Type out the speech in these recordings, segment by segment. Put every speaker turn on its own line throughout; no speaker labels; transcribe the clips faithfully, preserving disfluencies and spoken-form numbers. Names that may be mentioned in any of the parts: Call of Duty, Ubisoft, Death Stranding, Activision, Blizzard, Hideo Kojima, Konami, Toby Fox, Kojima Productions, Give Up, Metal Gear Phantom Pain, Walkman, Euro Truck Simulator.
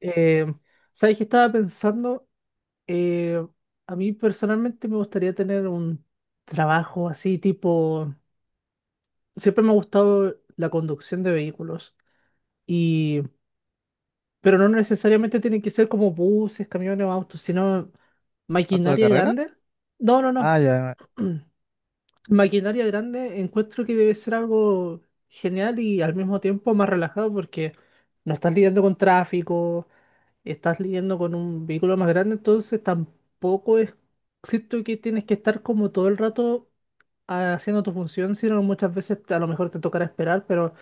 Eh, ¿Sabes qué estaba pensando? Eh, a mí personalmente me gustaría tener un trabajo así tipo... Siempre me ha gustado la conducción de vehículos, y... pero no necesariamente tienen que ser como buses, camiones o autos, sino
¿Auto de
maquinaria
carrera?
grande. No, no,
Ah,
no.
ya.
Maquinaria grande encuentro que debe ser algo genial y al mismo tiempo más relajado porque no estás lidiando con tráfico, estás lidiando con un vehículo más grande, entonces tampoco es, siento que tienes que estar como todo el rato ah, haciendo tu función, sino muchas veces a lo mejor te tocará esperar, pero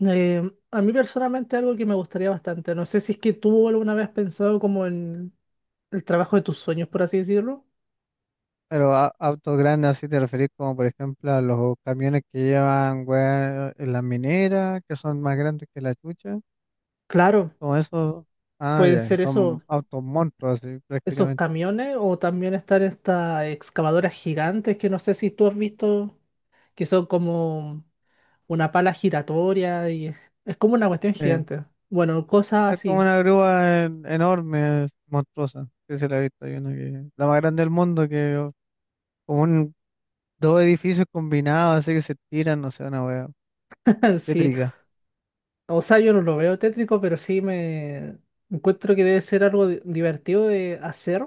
eh, a mí personalmente algo que me gustaría bastante, no sé si es que tú alguna vez has pensado como en el trabajo de tus sueños, por así decirlo.
Pero a- autos grandes, así te referís como por ejemplo a los camiones que llevan weá en las mineras, que son más grandes que la chucha.
Claro,
Como eso. Ah,
pueden
ya.
ser
Son
esos,
autos monstruos, así
esos
prácticamente.
camiones o también estar estas excavadoras gigantes que no sé si tú has visto, que son como... una pala giratoria y es es como una cuestión
Sí.
gigante. Bueno, cosas
Es como
así.
una grúa en- enorme, monstruosa. Sí, se la he visto. Hay una que la más grande del mundo, que como un, dos edificios combinados, así que se tiran, no sé, una wea.
Sí.
Tétrica,
O sea, yo no lo veo tétrico, pero sí me encuentro que debe ser algo di- divertido de hacer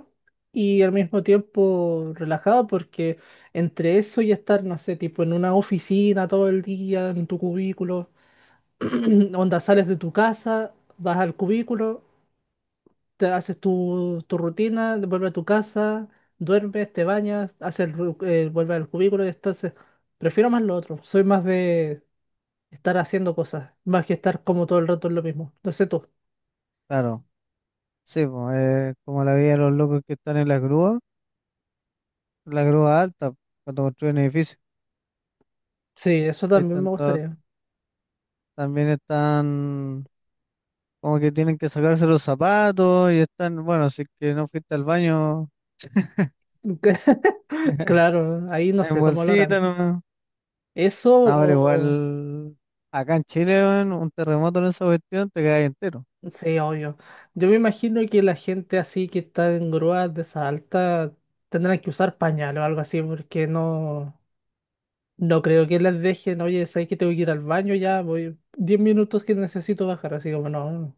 y al mismo tiempo relajado porque entre eso y estar, no sé, tipo en una oficina todo el día, en tu cubículo, onda sales de tu casa, vas al cubículo, te haces tu, tu rutina, vuelves a tu casa, duermes, te bañas, haces el, ru- eh, vuelves al cubículo. Entonces, prefiero más lo otro. Soy más de estar haciendo cosas, más que estar como todo el rato en lo mismo. No sé tú.
claro. Sí, pues, eh, como la vida de los locos que están en las grúas, la grúa alta cuando construyen edificios.
Sí, eso también me
Están to-
gustaría.
también están como que tienen que sacarse los zapatos y están, bueno, si es que no fuiste al baño
Claro, ahí no
en
sé cómo lo
bolsita,
harán.
no.
Eso
No, pero
o...
igual acá en Chile, weón, un terremoto en esa cuestión te quedas entero.
Sí, obvio. Yo me imagino que la gente así que está en grúas de esa alta tendrán que usar pañal o algo así porque no... No creo que las dejen, oye, sabes que tengo que ir al baño ya, voy diez minutos que necesito bajar, así como no.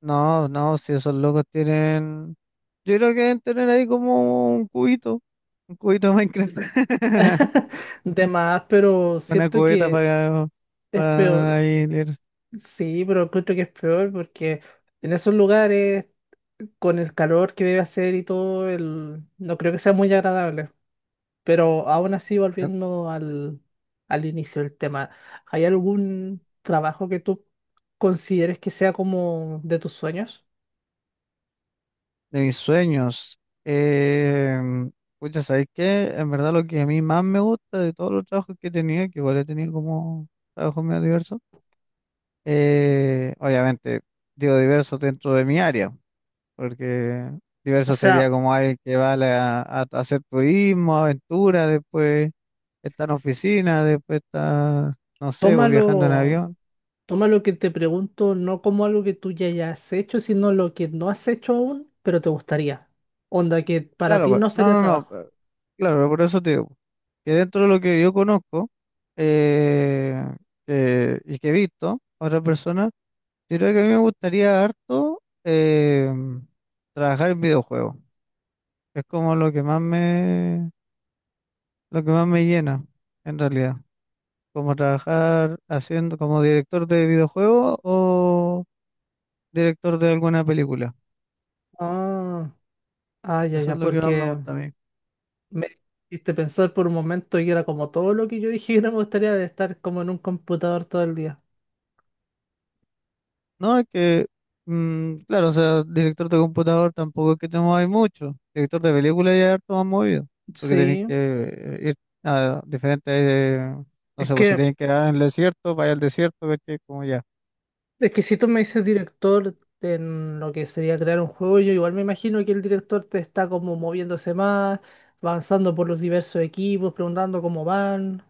No, no, si esos locos tienen, yo creo que deben tener ahí como un cubito, un cubito de Minecraft,
De más, pero
una
siento
cubeta
que
para,
es
para
peor.
ahí leer.
Sí, pero encuentro que es peor porque en esos lugares, con el calor que debe hacer y todo, el... no creo que sea muy agradable. Pero aún así, volviendo al, al inicio del tema, ¿hay algún trabajo que tú consideres que sea como de tus sueños?
De mis sueños. Eh, pucha, ¿sabes qué? En verdad lo que a mí más me gusta de todos los trabajos que he tenido, que igual he tenido como trabajos medio diversos, eh, obviamente digo diversos dentro de mi área, porque
O
diverso
sea,
sería como alguien que va a, la- a- a hacer turismo, aventura, después está en oficina, después está, no sé, pues, viajando en
tómalo.
avión.
Toma lo que te pregunto no como algo que tú ya hayas hecho, sino lo que no has hecho aún, pero te gustaría. Onda que para
Claro,
ti
pues,
no
no,
sería
no, no.
trabajo.
Claro, por eso te digo, que dentro de lo que yo conozco, eh, eh, y que he visto a otras personas, yo creo que a mí me gustaría harto eh, trabajar en videojuegos. Es como lo que más me, lo que más me llena, en realidad. Como trabajar haciendo, como director de videojuegos o director de alguna película.
Ah, ah, ya,
Eso es
ya,
lo que más me
porque
gusta a mí.
me hiciste pensar por un momento y era como todo lo que yo dije que no me gustaría de estar como en un computador todo el día.
No, es que, mm, claro, o sea, director de computador tampoco es que te mueváis mucho. Director de película ya es harto más movido, porque tenéis
Sí,
que eh, ir a diferentes, eh, no
es
sé, pues si
que,
tenéis que ir en el desierto, vaya al desierto, ¿cachai? Como ya.
es que si tú me dices director en lo que sería crear un juego, yo igual me imagino que el director te está como moviéndose más, avanzando por los diversos equipos, preguntando cómo van.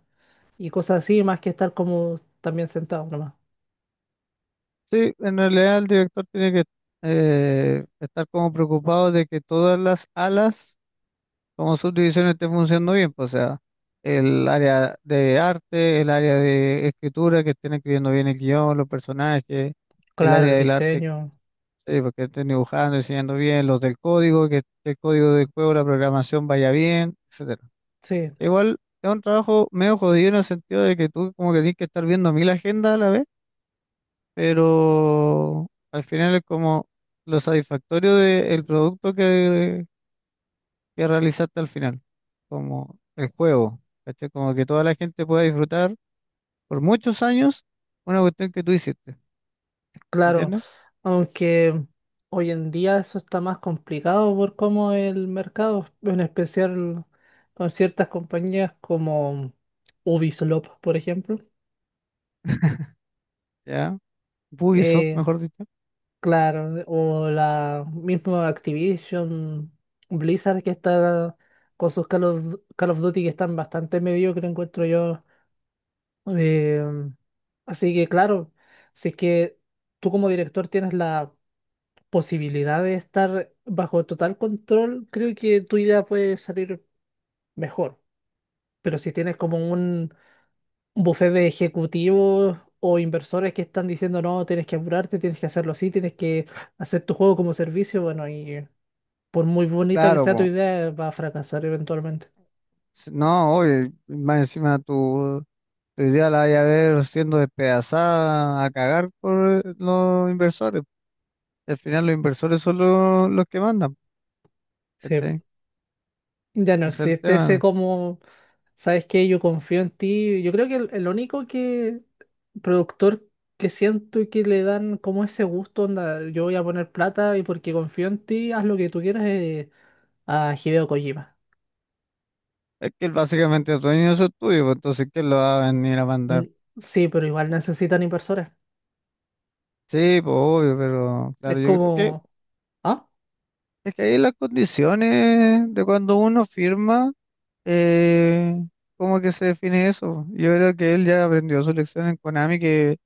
Y cosas así, más que estar como también sentado nomás.
Sí, en realidad el director tiene que eh, estar como preocupado de que todas las alas como subdivisiones estén funcionando bien, pues, o sea, el área de arte, el área de escritura, que estén escribiendo bien el guión, los personajes, el
Claro, el
área del arte.
diseño,
Sí, porque estén dibujando, enseñando bien los del código, que el código del juego, la programación vaya bien, etcétera.
sí,
Igual es un trabajo medio jodido en el sentido de que tú como que tienes que estar viendo mil agendas a la vez, pero al final es como lo satisfactorio del producto que, que realizaste al final, como el juego, ¿cachai? Como que toda la gente pueda disfrutar por muchos años una cuestión que tú hiciste,
claro.
¿entiendes?
Aunque hoy en día eso está más complicado por cómo el mercado, en especial con ciertas compañías como Ubisoft, por ejemplo.
Ya, Ubisoft,
Eh,
mejor dicho.
claro, o la misma Activision, Blizzard que está con sus Call of, Call of Duty que están bastante mediocre, encuentro yo. Eh, Así que claro, si es que tú como director tienes la posibilidad de estar bajo total control, creo que tu idea puede salir mejor. Pero si tienes como un buffet de ejecutivos o inversores que están diciendo, no, tienes que apurarte, tienes que hacerlo así, tienes que hacer tu juego como servicio, bueno, y por muy bonita que
Claro,
sea tu
po.
idea, va a fracasar eventualmente.
No, oye, más encima tu, tu idea la vaya a ver siendo despedazada a cagar por eh, los inversores. Al final los inversores son lo- los que mandan,
Sí.
¿cachai?
Ya no
Ese es el
existe ese
tema.
como, ¿sabes qué? Yo confío en ti. Yo creo que el, el único que productor que siento y que le dan como ese gusto, onda, yo voy a poner plata y porque confío en ti, haz lo que tú quieras, eh, a Hideo Kojima.
Es que él básicamente es dueño de su estudio, pues, entonces ¿quién lo va a venir a
Mm,
mandar?
Sí, pero igual necesitan inversores.
Sí, pues obvio, pero claro,
Es
yo creo que
como, ah,
es que ahí las condiciones de cuando uno firma, eh, ¿cómo que se define eso? Yo creo que él ya aprendió su lección en Konami. Que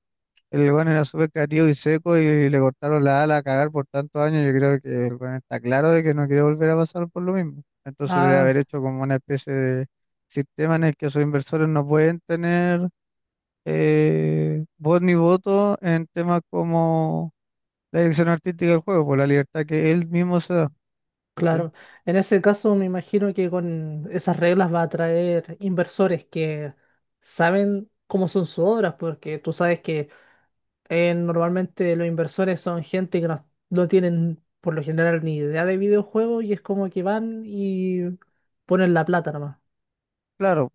El weón era súper creativo y seco y le cortaron la ala a cagar por tantos años. Yo creo que el weón está claro de que no quiere volver a pasar por lo mismo. Entonces debe haber
ah,
hecho como una especie de sistema en el que sus inversores no pueden tener, eh, voz ni voto en temas como la dirección artística del juego, por la libertad que él mismo se da. ¿Cachai?
claro. En ese caso me imagino que con esas reglas va a atraer inversores que saben cómo son sus obras, porque tú sabes que Eh, normalmente los inversores son gente que no, no tienen por lo general ni idea de videojuegos y es como que van y ponen la plata nomás.
Claro.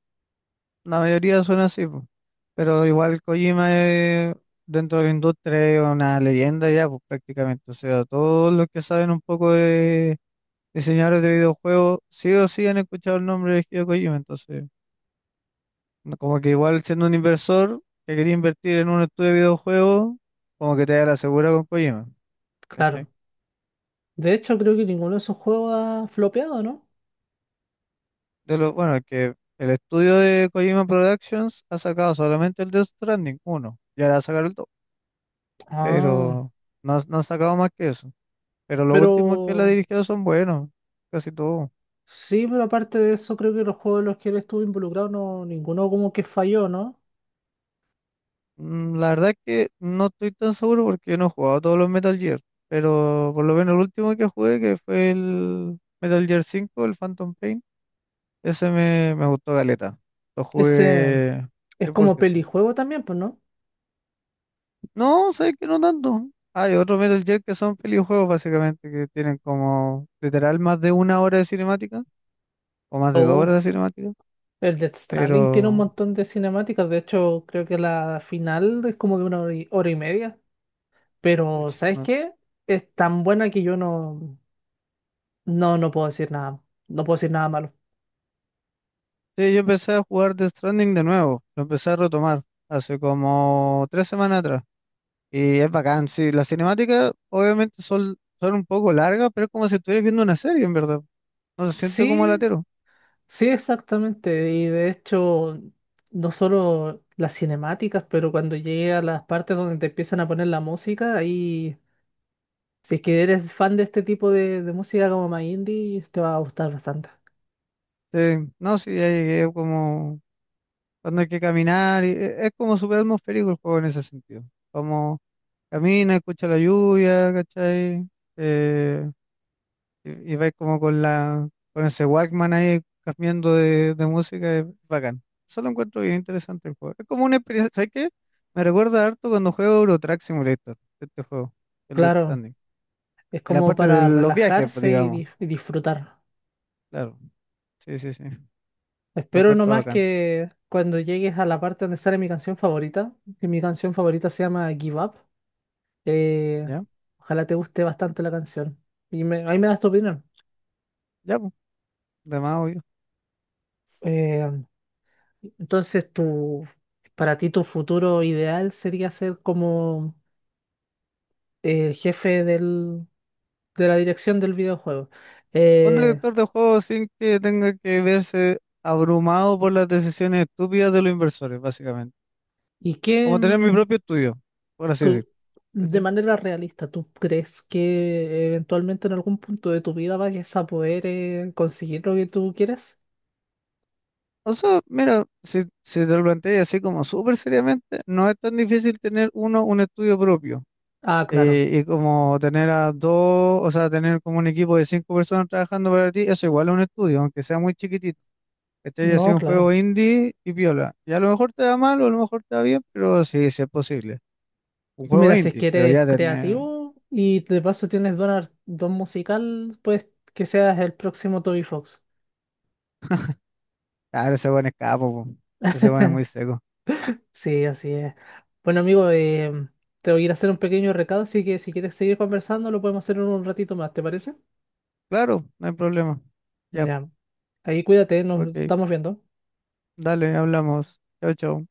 La mayoría son así, po. Pero igual Kojima, eh, dentro de la industria es una leyenda ya, pues prácticamente. O sea, todos los que saben un poco de diseñadores de videojuegos, sí o sí han escuchado el nombre de Hideo Kojima. Entonces, no- como que igual siendo un inversor que quería invertir en un estudio de videojuegos, como que te da la segura con Kojima. ¿Cachai?
Claro. De hecho, creo que ninguno de esos juegos ha flopeado, ¿no?
De lo, bueno, es que el estudio de Kojima Productions ha sacado solamente el Death Stranding uno y ahora va a sacar el dos,
Ah,
pero no, ha- no ha sacado más que eso. Pero los
pero
últimos que él ha dirigido son buenos, casi todos.
sí, pero aparte de eso, creo que los juegos en los que él estuvo involucrado, no, ninguno como que falló, ¿no?
Mm, La verdad es que no estoy tan seguro porque yo no he jugado todos los Metal Gear, pero por lo menos el último que jugué, que fue el Metal Gear cinco, el Phantom Pain, ese me, me gustó galeta. Lo
Ese
jugué
es
cien por
como
ciento
pelijuego también, pues, ¿no?
No, sabes que no tanto. Hay otros Metal Gear que son pelijuegos básicamente, que tienen como literal más de una hora de cinemática, o más de dos horas
Oh,
de cinemática,
el Death Stranding tiene un
pero
montón de cinemáticas. De hecho, creo que la final es como de una hora y hora y media. Pero,
pucha,
¿sabes
no.
qué? Es tan buena que yo no, no, no puedo decir nada. No puedo decir nada malo.
Sí, yo empecé a jugar Death Stranding de nuevo, lo empecé a retomar hace como tres semanas atrás y es bacán, sí, las cinemáticas obviamente son, son un poco largas, pero es como si estuvieras viendo una serie en verdad, no se siente como
Sí,
latero,
sí, exactamente. Y de hecho, no solo las cinemáticas, pero cuando llegué a las partes donde te empiezan a poner la música, ahí, si es que eres fan de este tipo de, de música como más indie, te va a gustar bastante.
sí, no, sí, ya llegué como cuando hay que caminar, y e- es como súper atmosférico el juego en ese sentido, como camina, escucha la lluvia, ¿cachai? Eh, Y, y vais como con la, con ese Walkman ahí cambiando de, de música, es bacán. Eso lo encuentro bien interesante el juego. Es como una experiencia, ¿sabes qué? Me recuerda harto cuando juego Euro Truck Simulator, este juego, el Death
Claro,
Stranding.
es
En la
como
parte de
para
los viajes, pues,
relajarse y,
digamos.
dif- y disfrutar.
Claro, sí, sí, sí. Lo
Espero
encuentro
nomás
bacán.
que cuando llegues a la parte donde sale mi canción favorita, que mi canción favorita se llama Give Up, eh,
¿Ya?
ojalá te guste bastante la canción. Y me- ahí me das tu opinión.
Ya, pues, de más obvio.
Eh, entonces, tu, para ti tu futuro ideal sería ser como el jefe del, de la dirección del videojuego.
Un
Eh,
director de juego sin que tenga que verse abrumado por las decisiones estúpidas de los inversores, básicamente.
¿y qué?
Como tener mi propio estudio, por así
Tú,
decirlo.
de manera realista, ¿tú crees que eventualmente en algún punto de tu vida vayas a poder, eh, conseguir lo que tú quieres?
O sea, mira, si, si te lo planteas así como súper seriamente, no es tan difícil tener uno un estudio propio,
Ah, claro.
eh, y como tener a dos, o sea, tener como un equipo de cinco personas trabajando para ti, eso igual es un estudio, aunque sea muy chiquitito. Este ya
No,
sido un
claro.
juego indie y piola. Y a lo mejor te da mal o a lo mejor te da bien, pero sí, sí es posible. Un juego
Mira, si es
indie,
que
pero
eres
ya tener,
creativo y de paso tienes don, ar- don musical, pues que seas el próximo Toby Fox.
claro, ese buen escapo, po. Ese buen es muy seco.
Sí, así es. Bueno, amigo, eh, te voy a ir a hacer un pequeño recado, así que si quieres seguir conversando, lo podemos hacer en un ratito más, ¿te parece?
Claro, no hay problema. Ya,
Ya. Ahí cuídate, nos
ok,
estamos viendo.
dale, hablamos. Chao, chao.